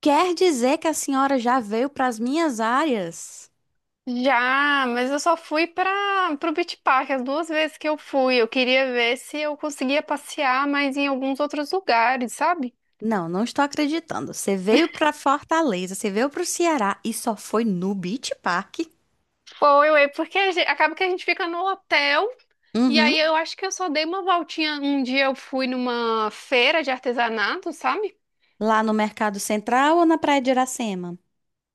Quer dizer que a senhora já veio para as minhas áreas? Já, mas eu só fui para o Beach Park as duas vezes que eu fui. Eu queria ver se eu conseguia passear mais em alguns outros lugares, sabe? Não, não estou acreditando. Você veio para Fortaleza, você veio para o Ceará e só foi no Beach Park? Foi, ué, porque acaba que a gente fica no hotel e Uhum. aí eu acho que eu só dei uma voltinha. Um dia eu fui numa feira de artesanato, sabe? Lá no Mercado Central ou na Praia de Iracema?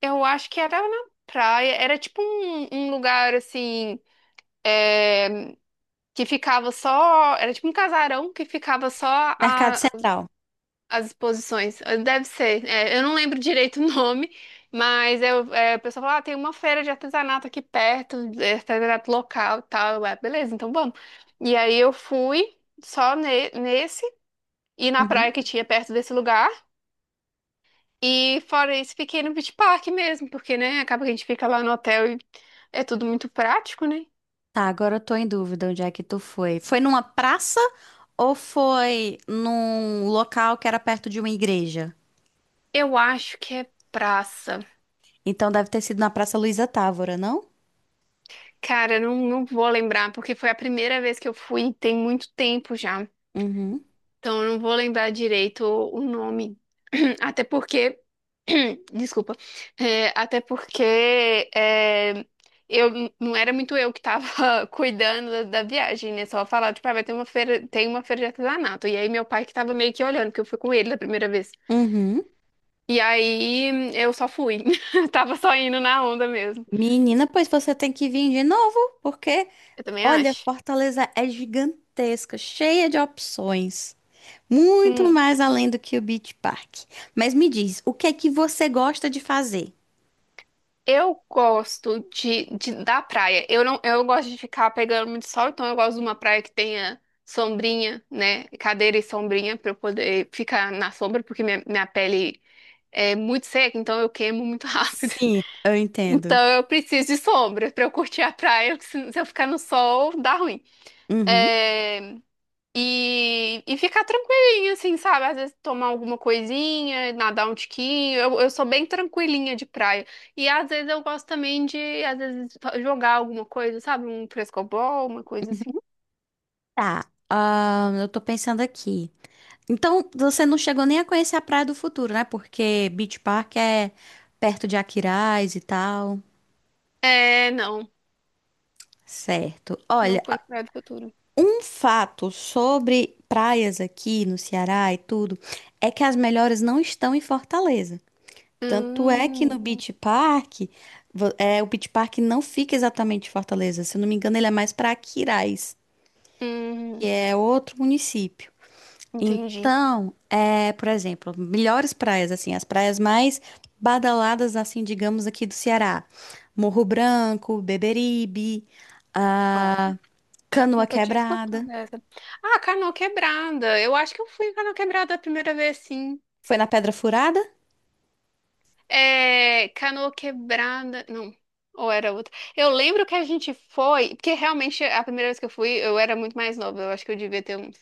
Eu acho que era na praia, era tipo um lugar assim, é, que ficava só, era tipo um casarão que ficava só Mercado Central. as exposições. Deve ser. É, eu não lembro direito o nome, mas o pessoal fala, ah, tem uma feira de artesanato aqui perto, é, artesanato local e tal. Eu, "Ah, beleza, então vamos." E aí eu fui só nesse e na Uhum. praia que tinha perto desse lugar. E fora isso, fiquei no Beach Park mesmo, porque, né, acaba que a gente fica lá no hotel e é tudo muito prático, né? Tá, agora eu tô em dúvida onde é que tu foi. Foi numa praça ou foi num local que era perto de uma igreja? Eu acho que é praça. Então deve ter sido na Praça Luísa Távora, não? Cara, eu não vou lembrar, porque foi a primeira vez que eu fui, tem muito tempo já. Uhum. Então, eu não vou lembrar direito o nome. Até porque, desculpa, É, até porque é, eu não era muito eu que tava cuidando da viagem, né? Só falar, tipo, ah, vai ter uma feira, tem uma feira de artesanato. E aí meu pai que tava meio que olhando, que eu fui com ele da primeira vez. Uhum. E aí eu só fui. Tava só indo na onda mesmo. Menina, pois você tem que vir de novo, porque Eu também olha, acho. Fortaleza é gigantesca, cheia de opções. Muito Hum. mais além do que o Beach Park. Mas me diz, o que é que você gosta de fazer? Eu gosto da praia. Eu não, eu gosto de ficar pegando muito sol, então eu gosto de uma praia que tenha sombrinha, né? Cadeira e sombrinha para eu poder ficar na sombra, porque minha pele é muito seca, então eu queimo muito rápido. Sim, eu entendo. Então eu preciso de sombra para eu curtir a praia, porque se eu ficar no sol, dá ruim. Uhum. É, e ficar tranquilinha, assim, sabe? Às vezes tomar alguma coisinha, nadar um tiquinho. Eu sou bem tranquilinha de praia. E às vezes eu gosto também de, às vezes, jogar alguma coisa, sabe? Um frescobol, uma coisa assim. Tá, ah, eu tô pensando aqui. Então, você não chegou nem a conhecer a Praia do Futuro, né? Porque Beach Park é perto de Aquiraz e tal. É, não. Certo. Não Olha, foi no Praia do Futuro. um fato sobre praias aqui no Ceará e tudo é que as melhores não estão em Fortaleza. Tanto é que no Hum, Beach Park, é, o Beach Park não fica exatamente em Fortaleza. Se eu não me engano, ele é mais para Aquiraz, que hum, é outro município. entendi. Então, é, por exemplo, melhores praias, assim, as praias mais badaladas, assim, digamos, aqui do Ceará. Morro Branco, Beberibe, Ó, a Canoa nunca tinha Quebrada. escutado essa. Ah, Canoa Quebrada. Eu acho que eu fui em Canoa Quebrada a primeira vez, sim. Foi na Pedra Furada? É, Canoa Quebrada. Não, ou era outra. Eu lembro que a gente foi, porque realmente a primeira vez que eu fui, eu era muito mais nova. Eu acho que eu devia ter uns.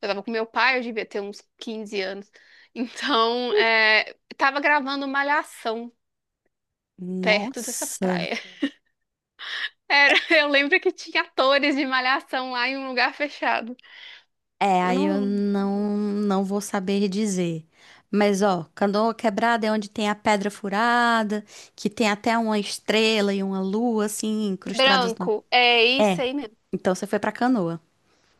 Eu tava com meu pai, eu devia ter uns 15 anos. Então, é, tava gravando Malhação perto dessa Nossa, praia. Era, eu lembro que tinha atores de Malhação lá em um lugar fechado. é, Eu aí eu não. não vou saber dizer. Mas ó, Canoa Quebrada é onde tem a pedra furada, que tem até uma estrela e uma lua assim incrustadas na. Branco, é isso É, aí mesmo. então você foi pra Canoa.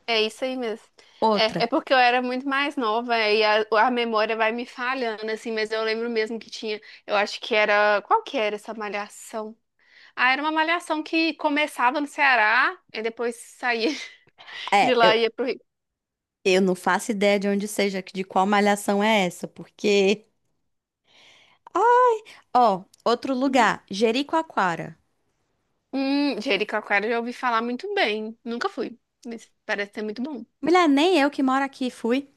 É isso aí mesmo. Outra. É, é porque eu era muito mais nova é, e a memória vai me falhando, assim, mas eu lembro mesmo que tinha. Eu acho que era. Qual que era essa malhação? Ah, era uma malhação que começava no Ceará e depois saía de É, lá e ia pro Rio. eu não faço ideia de onde seja, de qual malhação é essa, porque ó, outro lugar, Jericoacoara. Jericoacoara eu já ouvi falar muito bem. Nunca fui, mas parece ser muito bom. Mulher, nem eu que moro aqui fui.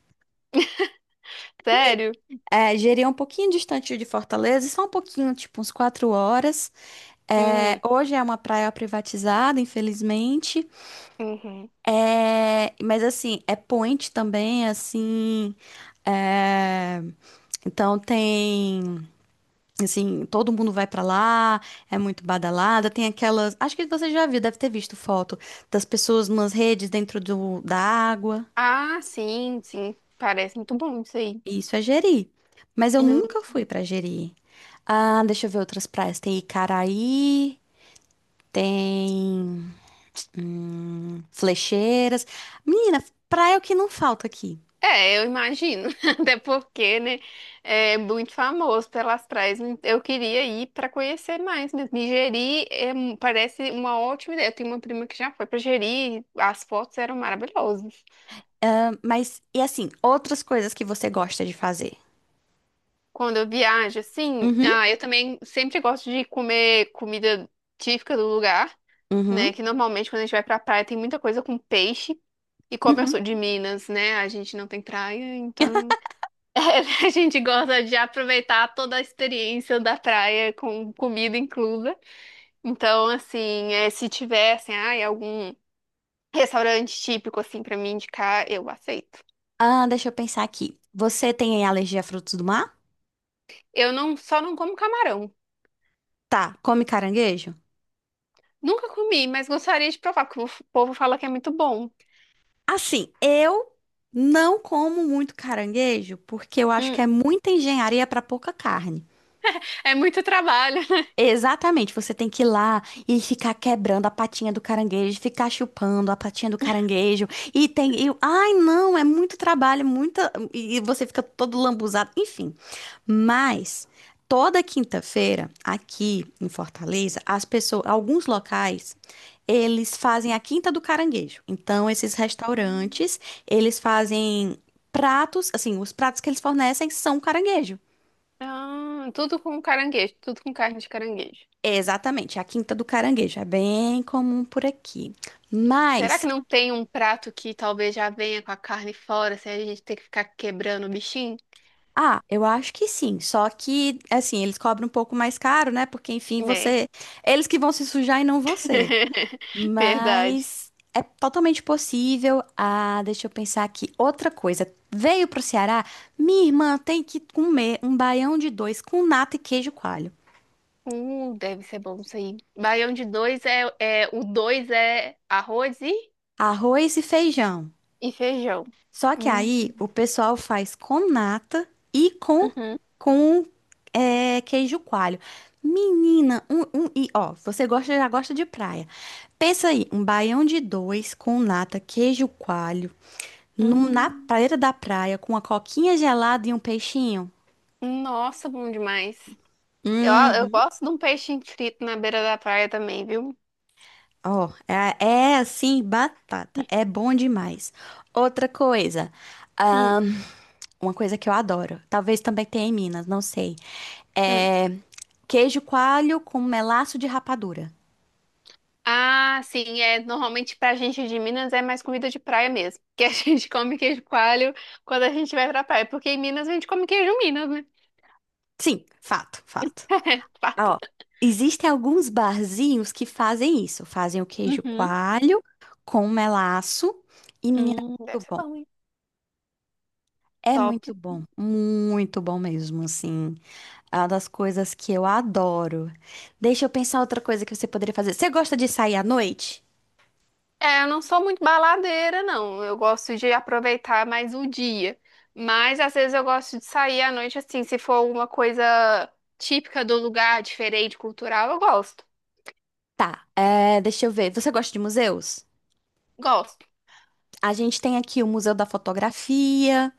Sério? É, Jeri é um pouquinho distante de Fortaleza, só um pouquinho, tipo uns quatro horas. É, Hum, hoje é uma praia privatizada, infelizmente. uhum. É, mas assim, é point também, assim. É, então tem, assim, todo mundo vai pra lá, é muito badalada. Tem aquelas, acho que você já viu, deve ter visto foto das pessoas nas redes dentro da água. Ah, sim, sim. Parece muito bom isso aí. Isso é Jeri. Mas eu nunca fui pra Jeri. Ah, deixa eu ver outras praias. Tem Icaraí, tem hum, flecheiras. Menina, praia é o que não falta aqui. É, eu imagino. Até porque, né, é muito famoso pelas praias, né. Eu queria ir para conhecer mais mesmo. E Jeri é parece uma ótima ideia. Eu tenho uma prima que já foi para Jeri, as fotos eram maravilhosas. Ah, mas, e assim, outras coisas que você gosta de fazer? Quando eu viajo, assim, Uhum, ah, eu também sempre gosto de comer comida típica do lugar, uhum, né? Que normalmente quando a gente vai pra praia tem muita coisa com peixe. E como eu uhum. sou de Minas, né, a gente não tem praia, então a gente gosta de aproveitar toda a experiência da praia com comida inclusa. Então, assim, é, se tiver assim, ai, algum restaurante típico assim para me indicar, eu aceito. Ah, deixa eu pensar aqui. Você tem alergia a frutos do mar? Eu não, só não como camarão. Tá, come caranguejo? Nunca comi, mas gostaria de provar, porque o povo fala que é muito bom. Assim, eu não como muito caranguejo porque eu acho que Hum, é muita engenharia pra pouca carne. é muito trabalho. Exatamente, você tem que ir lá e ficar quebrando a patinha do caranguejo, ficar chupando a patinha do caranguejo, e tem, ai não, é muito trabalho, muita, e você fica todo lambuzado, enfim. Mas toda quinta-feira aqui em Fortaleza, as pessoas, alguns locais, eles fazem a Quinta do Caranguejo. Então esses restaurantes, eles fazem pratos, assim, os pratos que eles fornecem são caranguejo. Ah, tudo com caranguejo, tudo com carne de caranguejo. Exatamente, é a Quinta do Caranguejo é bem comum por aqui. Será Mas, que não tem um prato que talvez já venha com a carne fora, se a gente ter que ficar quebrando o bichinho? ah, eu acho que sim, só que assim, eles cobram um pouco mais caro, né? Porque enfim, É, você, eles que vão se sujar e não você. verdade. Mas é totalmente possível. Ah, deixa eu pensar aqui. Outra coisa, veio pro Ceará, minha irmã tem que comer um baião de dois com nata e queijo coalho, Deve ser bom isso aí. Baião de dois é, é o dois é arroz arroz e feijão. e feijão. Só que aí Hum, o pessoal faz com nata e uhum, com é, queijo coalho. Menina, um, e ó, você gosta já gosta de praia. Pensa aí, um baião de dois com nata, queijo coalho, na hum. praia da praia com uma coquinha gelada e um peixinho. Nossa, bom demais. Eu Hum, gosto de um peixinho frito na beira da praia também, viu? ó, é, é assim, batata, é bom demais. Outra coisa, Hum, ahn, uma coisa que eu adoro, talvez também tenha em Minas, não sei. hum. É queijo coalho com melaço de rapadura. Ah, sim, é normalmente pra gente de Minas é mais comida de praia mesmo, que a gente come queijo coalho quando a gente vai pra praia, porque em Minas a gente come queijo Minas, né? Sim, fato, fato. É, fato. Ah, ó, existem alguns barzinhos que fazem isso. Fazem o queijo Uhum. coalho com melaço. E, menina, é Deve muito ser bom. bom. É Top. muito bom. Muito bom mesmo, assim. É uma das coisas que eu adoro. Deixa eu pensar outra coisa que você poderia fazer. Você gosta de sair à noite? É, eu não sou muito baladeira, não. Eu gosto de aproveitar mais o dia. Mas às vezes eu gosto de sair à noite, assim, se for alguma coisa típica do lugar, diferente, cultural, eu gosto. Tá, é, deixa eu ver. Você gosta de museus? Gosto. A gente tem aqui o Museu da Fotografia,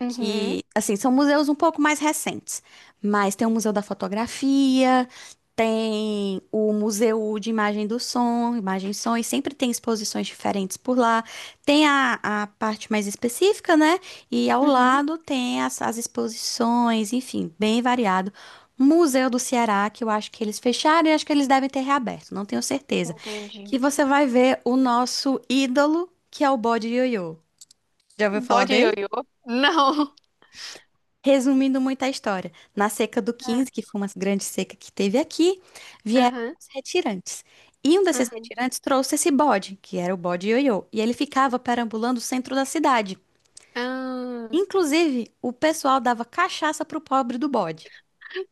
Uhum, que, assim, são museus um pouco mais recentes, mas tem o Museu da Fotografia, tem o Museu de Imagem do Som, Imagem e Som, e sempre tem exposições diferentes por lá. Tem a parte mais específica, né? E ao uhum. lado tem as, as exposições, enfim, bem variado. Museu do Ceará, que eu acho que eles fecharam e acho que eles devem ter reaberto, não tenho certeza. Entendi. Que você vai ver o nosso ídolo, que é o Bode Ioiô. Já ouviu falar? Bode ioiô? Não. Resumindo muito a história, na seca do Ah, 15, que foi uma grande seca que teve aqui, vieram aham, os retirantes. E um desses aham. retirantes trouxe esse bode, que era o bode ioiô, e ele ficava perambulando o centro da cidade. Ah, Inclusive, o pessoal dava cachaça pro pobre do bode.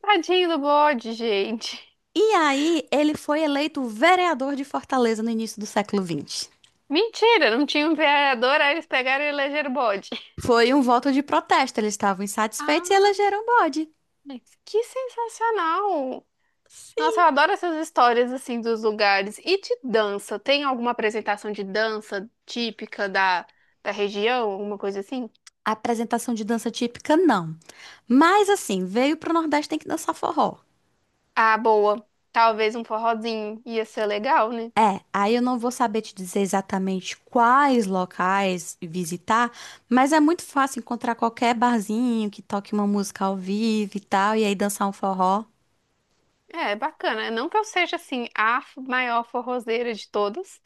tadinho do bode, gente. E aí, ele foi eleito vereador de Fortaleza no início do século XX. Mentira, não tinha um vereador, aí eles pegaram e elegeram o bode. Foi um voto de protesto, eles estavam insatisfeitos e Ah, elegeram o bode. mas que sensacional! Nossa, eu adoro essas histórias assim dos lugares. E de dança, tem alguma apresentação de dança típica da região, alguma coisa assim? Apresentação de dança típica, não. Mas assim, veio pro Nordeste tem que dançar forró. Ah, boa. Talvez um forrozinho ia ser legal, né? É, aí eu não vou saber te dizer exatamente quais locais visitar, mas é muito fácil encontrar qualquer barzinho que toque uma música ao vivo e tal, e aí dançar um forró. É, bacana. Não que eu seja assim a maior forrozeira de todas,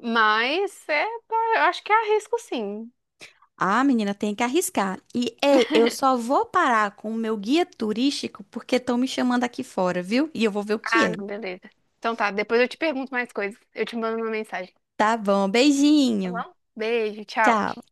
mas é, eu acho que arrisco sim. Ah, menina, tem que arriscar. E, ei, eu só vou parar com o meu guia turístico porque estão me chamando aqui fora, viu? E eu vou ver o que Ah, é. não, beleza. Então tá, depois eu te pergunto mais coisas. Eu te mando uma mensagem, Tá bom, tá beijinho. bom? Beijo, tchau. Tchau.